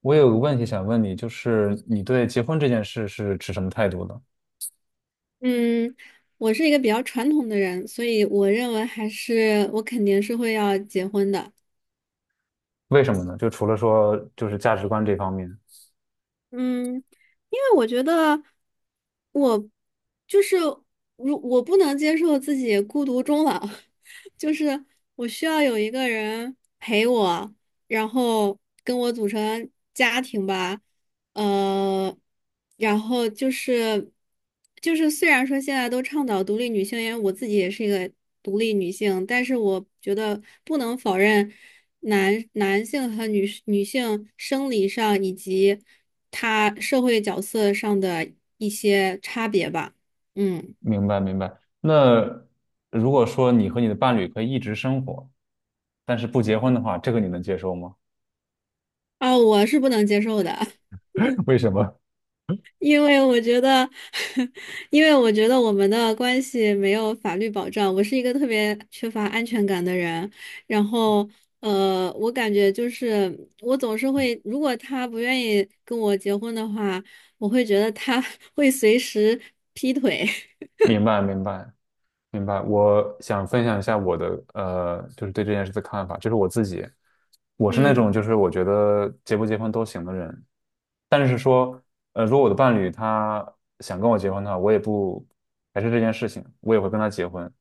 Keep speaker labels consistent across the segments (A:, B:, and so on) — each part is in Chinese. A: 我有个问题想问你，就是你对结婚这件事是持什么态度的？
B: 嗯，我是一个比较传统的人，所以我认为还是我肯定是会要结婚的。
A: 为什么呢？就除了说就是价值观这方面，
B: 嗯，因为我觉得我就是如我不能接受自己孤独终老，就是我需要有一个人陪我，然后跟我组成家庭吧，呃，然后虽然说现在都倡导独立女性，因为我自己也是一个独立女性，但是我觉得不能否认男性和女性生理上以及他社会角色上的一些差别吧。嗯，
A: 明白明白。那如果说你和你的伴侣可以一直生活，但是不结婚的话，这个你能接受吗？
B: 啊，我是不能接受的，
A: 为什么？
B: 因为我觉得，因为我觉得我们的关系没有法律保障，我是一个特别缺乏安全感的人，然后。我感觉就是我总是会，如果他不愿意跟我结婚的话，我会觉得他 会随时劈腿。
A: 明白明白明白。我想分享一下我的就是对这件事的看法，就是我自己，我 是那种
B: 嗯
A: 就是我觉得结不结婚都行的人，但是说，如果我的伴侣他想跟我结婚的话，我也不排斥这件事情，我也会跟他结婚。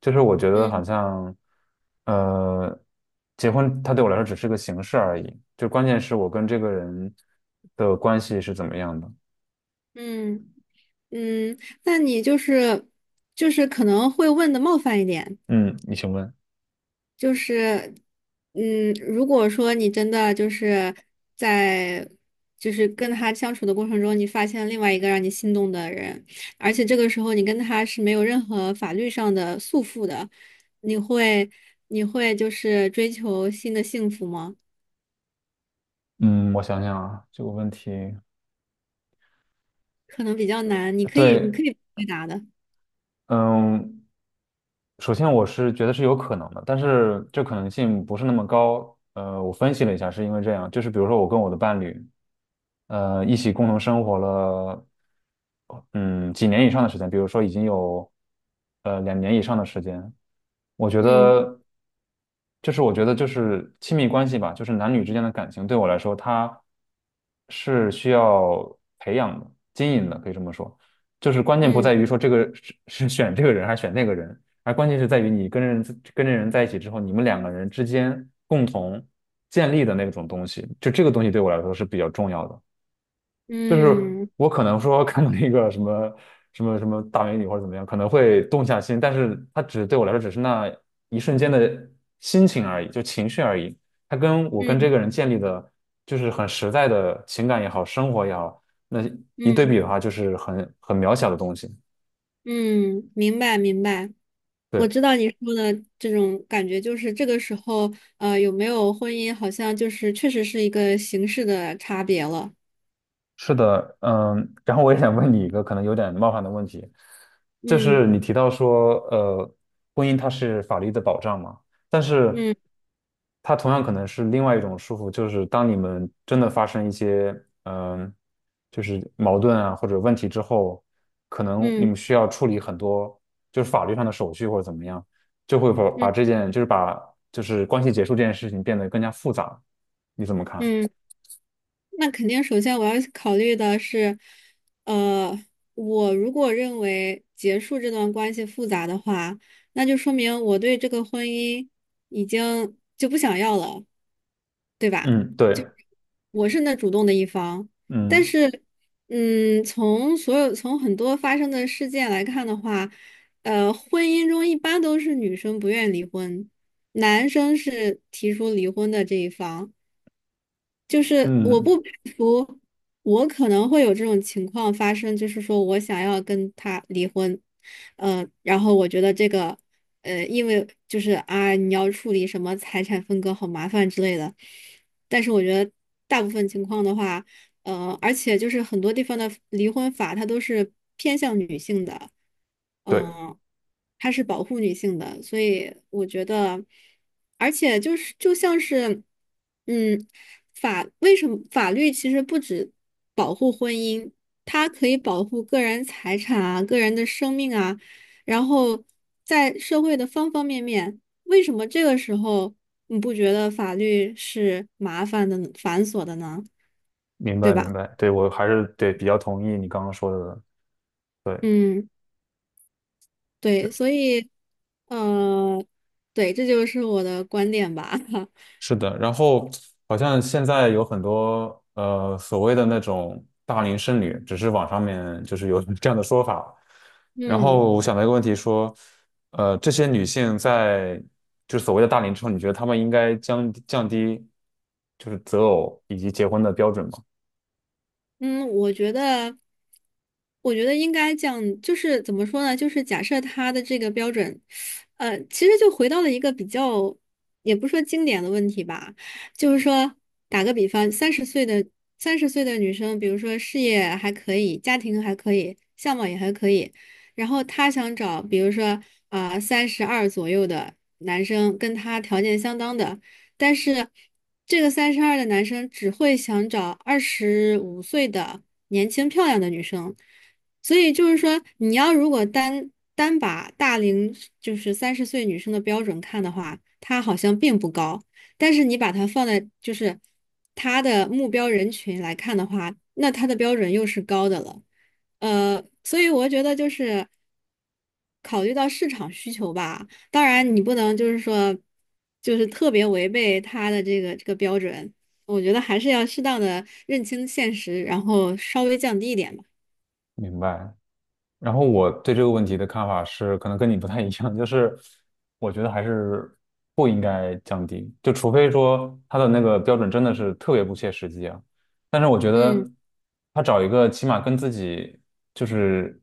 A: 就是我觉得好
B: 嗯
A: 像，呃，结婚它对我来说只是个形式而已，就关键是我跟这个人的关系是怎么样的。
B: 嗯。嗯，那你就是可能会问的冒犯一点，
A: 嗯，你请问。
B: 就是如果说你真的就是在就是跟他相处的过程中，你发现另外一个让你心动的人，而且这个时候你跟他是没有任何法律上的束缚的，你会你会就是追求新的幸福吗？
A: 嗯，我想想啊，这个问题，
B: 可能比较难，你可以你
A: 对，
B: 可以回答的，
A: 嗯，首先我是觉得是有可能的，但是这可能性不是那么高。我分析了一下，是因为这样，就是比如说我跟我的伴侣。一起共同生活了，嗯，几年以上的时间，比如说已经有两年以上的时间，我觉
B: 嗯
A: 得，就是我觉得就是亲密关系吧，就是男女之间的感情，对我来说，它是需要培养的、经营的，可以这么说。就是关键不在
B: 嗯
A: 于说这个是选这个人还是选那个人，而关键是在于你跟人跟这人在一起之后，你们两个人之间共同建立的那种东西，就这个东西对我来说是比较重要的。就是
B: 嗯
A: 我可能说看到一个什么什么大美女或者怎么样，可能会动下心，但是它只对我来说只是那一瞬间的心情而已，就情绪而已。它跟我跟
B: 嗯
A: 这个人建立的，就是很实在的情感也好，生活也好，那一对
B: 嗯，
A: 比的话，就是很渺小的东西。
B: 嗯明白明白。我
A: 对。
B: 知道你说的这种感觉，就是这个时候，有没有婚姻，好像就是确实是一个形式的差别了。
A: 是的，嗯，然后我也想问你一个可能有点冒犯的问题，就
B: 嗯
A: 是你提到说，婚姻它是法律的保障嘛，但是
B: 嗯
A: 它同样可能是另外一种束缚，就是当你们真的发生一些，嗯，就是矛盾啊或者问题之后，可能你
B: 嗯
A: 们需要处理很多就是法律上的手续或者怎么样，就会把
B: 嗯
A: 把这件就是把就是关系结束这件事情变得更加复杂，你怎么看？
B: 嗯，那肯定，首先我要考虑的是，呃，我如果认为结束这段关系复杂的话，那就说明我对这个婚姻已经就不想要了，对吧？
A: 嗯，对，
B: 我是那主动的一方，但
A: 嗯
B: 是，嗯，从所有从很多发生的事件来看的话，婚姻中一般都是女生不愿离婚，男生是提出离婚的这一方。就是我不
A: 嗯。
B: 排除我可能会有这种情况发生，就是说我想要跟他离婚，然后我觉得这个，因为就是啊，你要处理什么财产分割好麻烦之类的，但是我觉得大部分情况的话。而且就是很多地方的离婚法，它都是偏向女性的，
A: 对，
B: 嗯、它是保护女性的，所以我觉得，而且就是就像是，嗯，为什么法律其实不止保护婚姻，它可以保护个人财产啊、个人的生命啊，然后在社会的方方面面，为什么这个时候你不觉得法律是麻烦的、繁琐的呢？
A: 明
B: 对
A: 白明
B: 吧？
A: 白，对我还是对比较同意你刚刚说的，对，
B: 嗯，对，所以，呃，对，这就是我的观点吧。
A: 是的。然后好像现在有很多所谓的那种大龄剩女，只是网上面就是有 这样的说法。然
B: 嗯。
A: 后我想到一个问题说，这些女性在就是所谓的大龄之后，你觉得她们应该降低就是择偶以及结婚的标准吗？
B: 嗯，我觉得，我觉得应该这样，就是怎么说呢？就是假设他的这个标准，其实就回到了一个比较，也不是说经典的问题吧，就是说，打个比方，三十岁的女生，比如说事业还可以，家庭还可以，相貌也还可以，然后她想找，比如说啊，三十二左右的男生，跟她条件相当的。但是这个三十二的男生只会想找二十五岁的年轻漂亮的女生，所以就是说，你要如果单单把大龄就是三十岁女生的标准看的话，他好像并不高，但是你把它放在就是他的目标人群来看的话，那他的标准又是高的了。所以我觉得就是考虑到市场需求吧，当然，你不能就是说，就是特别违背他的这个标准。我觉得还是要适当的认清现实，然后稍微降低一点吧。
A: 明白。然后我对这个问题的看法是，可能跟你不太一样，就是我觉得还是不应该降低，就除非说他的那个标准真的是特别不切实际啊。但是我觉得
B: 嗯
A: 他找一个起码跟自己就是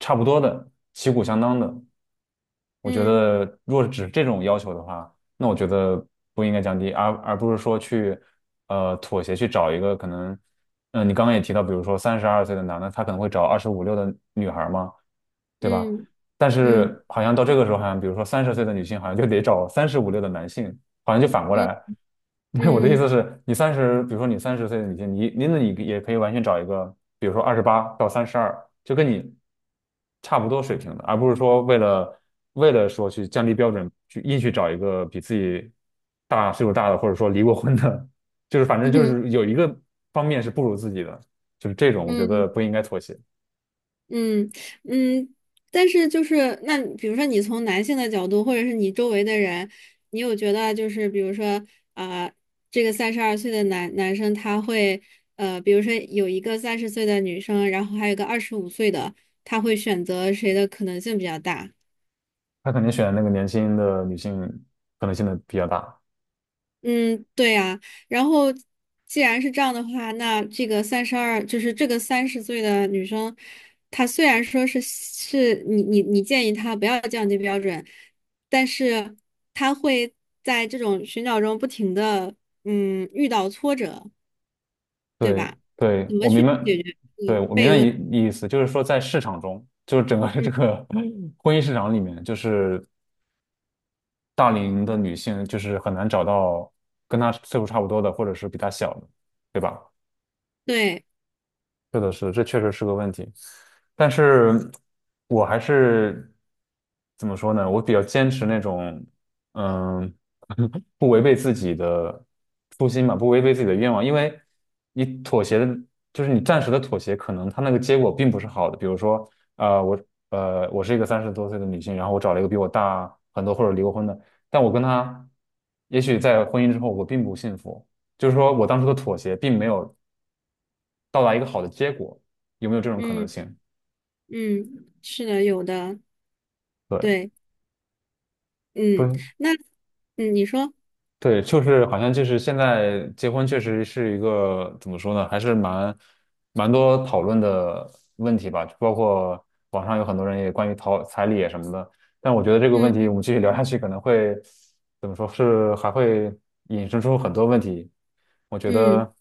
A: 差不多的、旗鼓相当的，我觉
B: 嗯
A: 得若果只是这种要求的话，那我觉得不应该降低，而不是说去妥协去找一个可能。嗯，你刚刚也提到，比如说三十二岁的男的，他可能会找二十五六的女孩儿嘛，对吧？
B: 嗯
A: 但
B: 嗯
A: 是好像到这个时候，好像比如说三十岁的女性，好像就得找三十五六的男性，好像就反过
B: 嗯
A: 来。我的意思
B: 嗯
A: 是，你三十，比如说你三十岁的女性，你那你也可以完全找一个，比如说二十八到三十二，就跟你差不多水平的，而不是说为了为了说去降低标准，去硬去找一个比自己大岁数大的，或者说离过婚的，就是反正
B: 嗯
A: 就
B: 嗯。
A: 是有一个方面是不如自己的，就是这种我觉
B: 嗯
A: 得不应该妥协。
B: 嗯嗯，但是就是那，比如说你从男性的角度，或者是你周围的人，你有觉得就是比如说啊、这个32岁的男生他会比如说有一个三十岁的女生，然后还有一个二十五岁的，他会选择谁的可能性比较大？
A: 他肯定选那个年轻的女性，可能性的比较大。
B: 嗯，对呀，然后既然是这样的话，那这个三十二，就是这个三十岁的女生，她虽然说是你建议她不要降低标准，但是她会在这种寻找中不停的遇到挫折，对
A: 对，
B: 吧？
A: 对，
B: 怎么
A: 我
B: 去
A: 明白，
B: 解决这个
A: 对，我明
B: 悖
A: 白
B: 论？
A: 意思，就是说在市场中，就是整个这
B: 嗯，
A: 个婚姻市场里面，就是大龄的女性就是很难找到跟她岁数差不多的，或者是比她小的，对吧？
B: 对，
A: 是的，是的，这确实是个问题。但是我还是怎么说呢？我比较坚持那种，嗯，不违背自己的初心嘛，不违背自己的愿望。因为你妥协的，就是你暂时的妥协，可能他那个结果并不是好的。比如说，呃，我我是一个三十多岁的女性，然后我找了一个比我大很多或者离过婚的，但我跟他，也许在婚姻之后我并不幸福。就是说我当初的妥协并没有到达一个好的结果，有没有这种可能
B: 嗯
A: 性？
B: 嗯，是的，有的，
A: 对，
B: 对，嗯，
A: 对，
B: 那嗯你说，
A: 对，就是好像就是现在结婚确实是一个怎么说呢，还是蛮多讨论的问题吧，包括网上有很多人也关于讨彩礼啊什么的，但我觉得这个问
B: 嗯
A: 题我们继续聊下去可能会怎么说是还会引申出很多问题，我觉
B: 嗯，
A: 得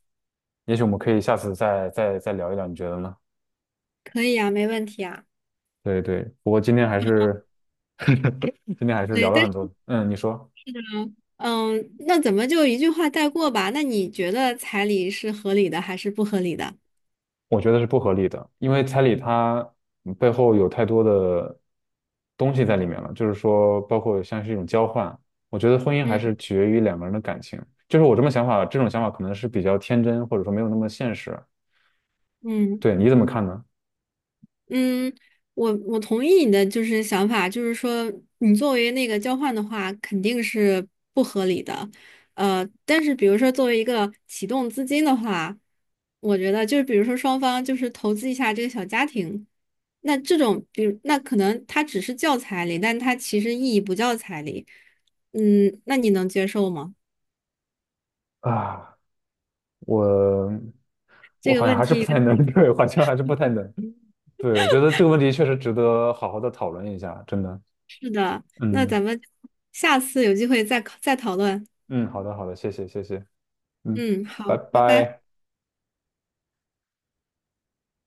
A: 也许我们可以下次再再聊一聊，你觉得呢？
B: 可以啊，没问题啊。
A: 对对，不过今天还是 今天还是
B: 对，
A: 聊了
B: 但
A: 很
B: 是。
A: 多，嗯，你说。
B: 嗯，那怎么就一句话带过吧？那你觉得彩礼是合理的还是不合理的？
A: 我觉得是不合理的，因为彩礼它背后有太多的东西在里面了，就是说，包括像是一种交换。我觉得婚姻还是
B: 嗯
A: 取决于两个人的感情，就是我这么想法，这种想法可能是比较天真，或者说没有那么现实。
B: 嗯
A: 对，你怎么看呢？
B: 嗯，我同意你的就是想法，就是说你作为那个交换的话，肯定是不合理的。但是比如说作为一个启动资金的话，我觉得就是比如说双方就是投资一下这个小家庭，那这种比如那可能它只是叫彩礼，但它其实意义不叫彩礼。嗯，那你能接受吗？
A: 啊，我我
B: 这个
A: 好像
B: 问
A: 还是
B: 题
A: 不
B: 有
A: 太能，
B: 点，
A: 对，好像还是不太能。对，我觉得这个问题确实值得好好的讨论一下，真的。
B: 是的，那
A: 嗯
B: 咱们下次有机会再讨论。
A: 嗯，好的好的，谢谢谢谢，嗯，
B: 嗯，
A: 拜
B: 好，拜拜。
A: 拜。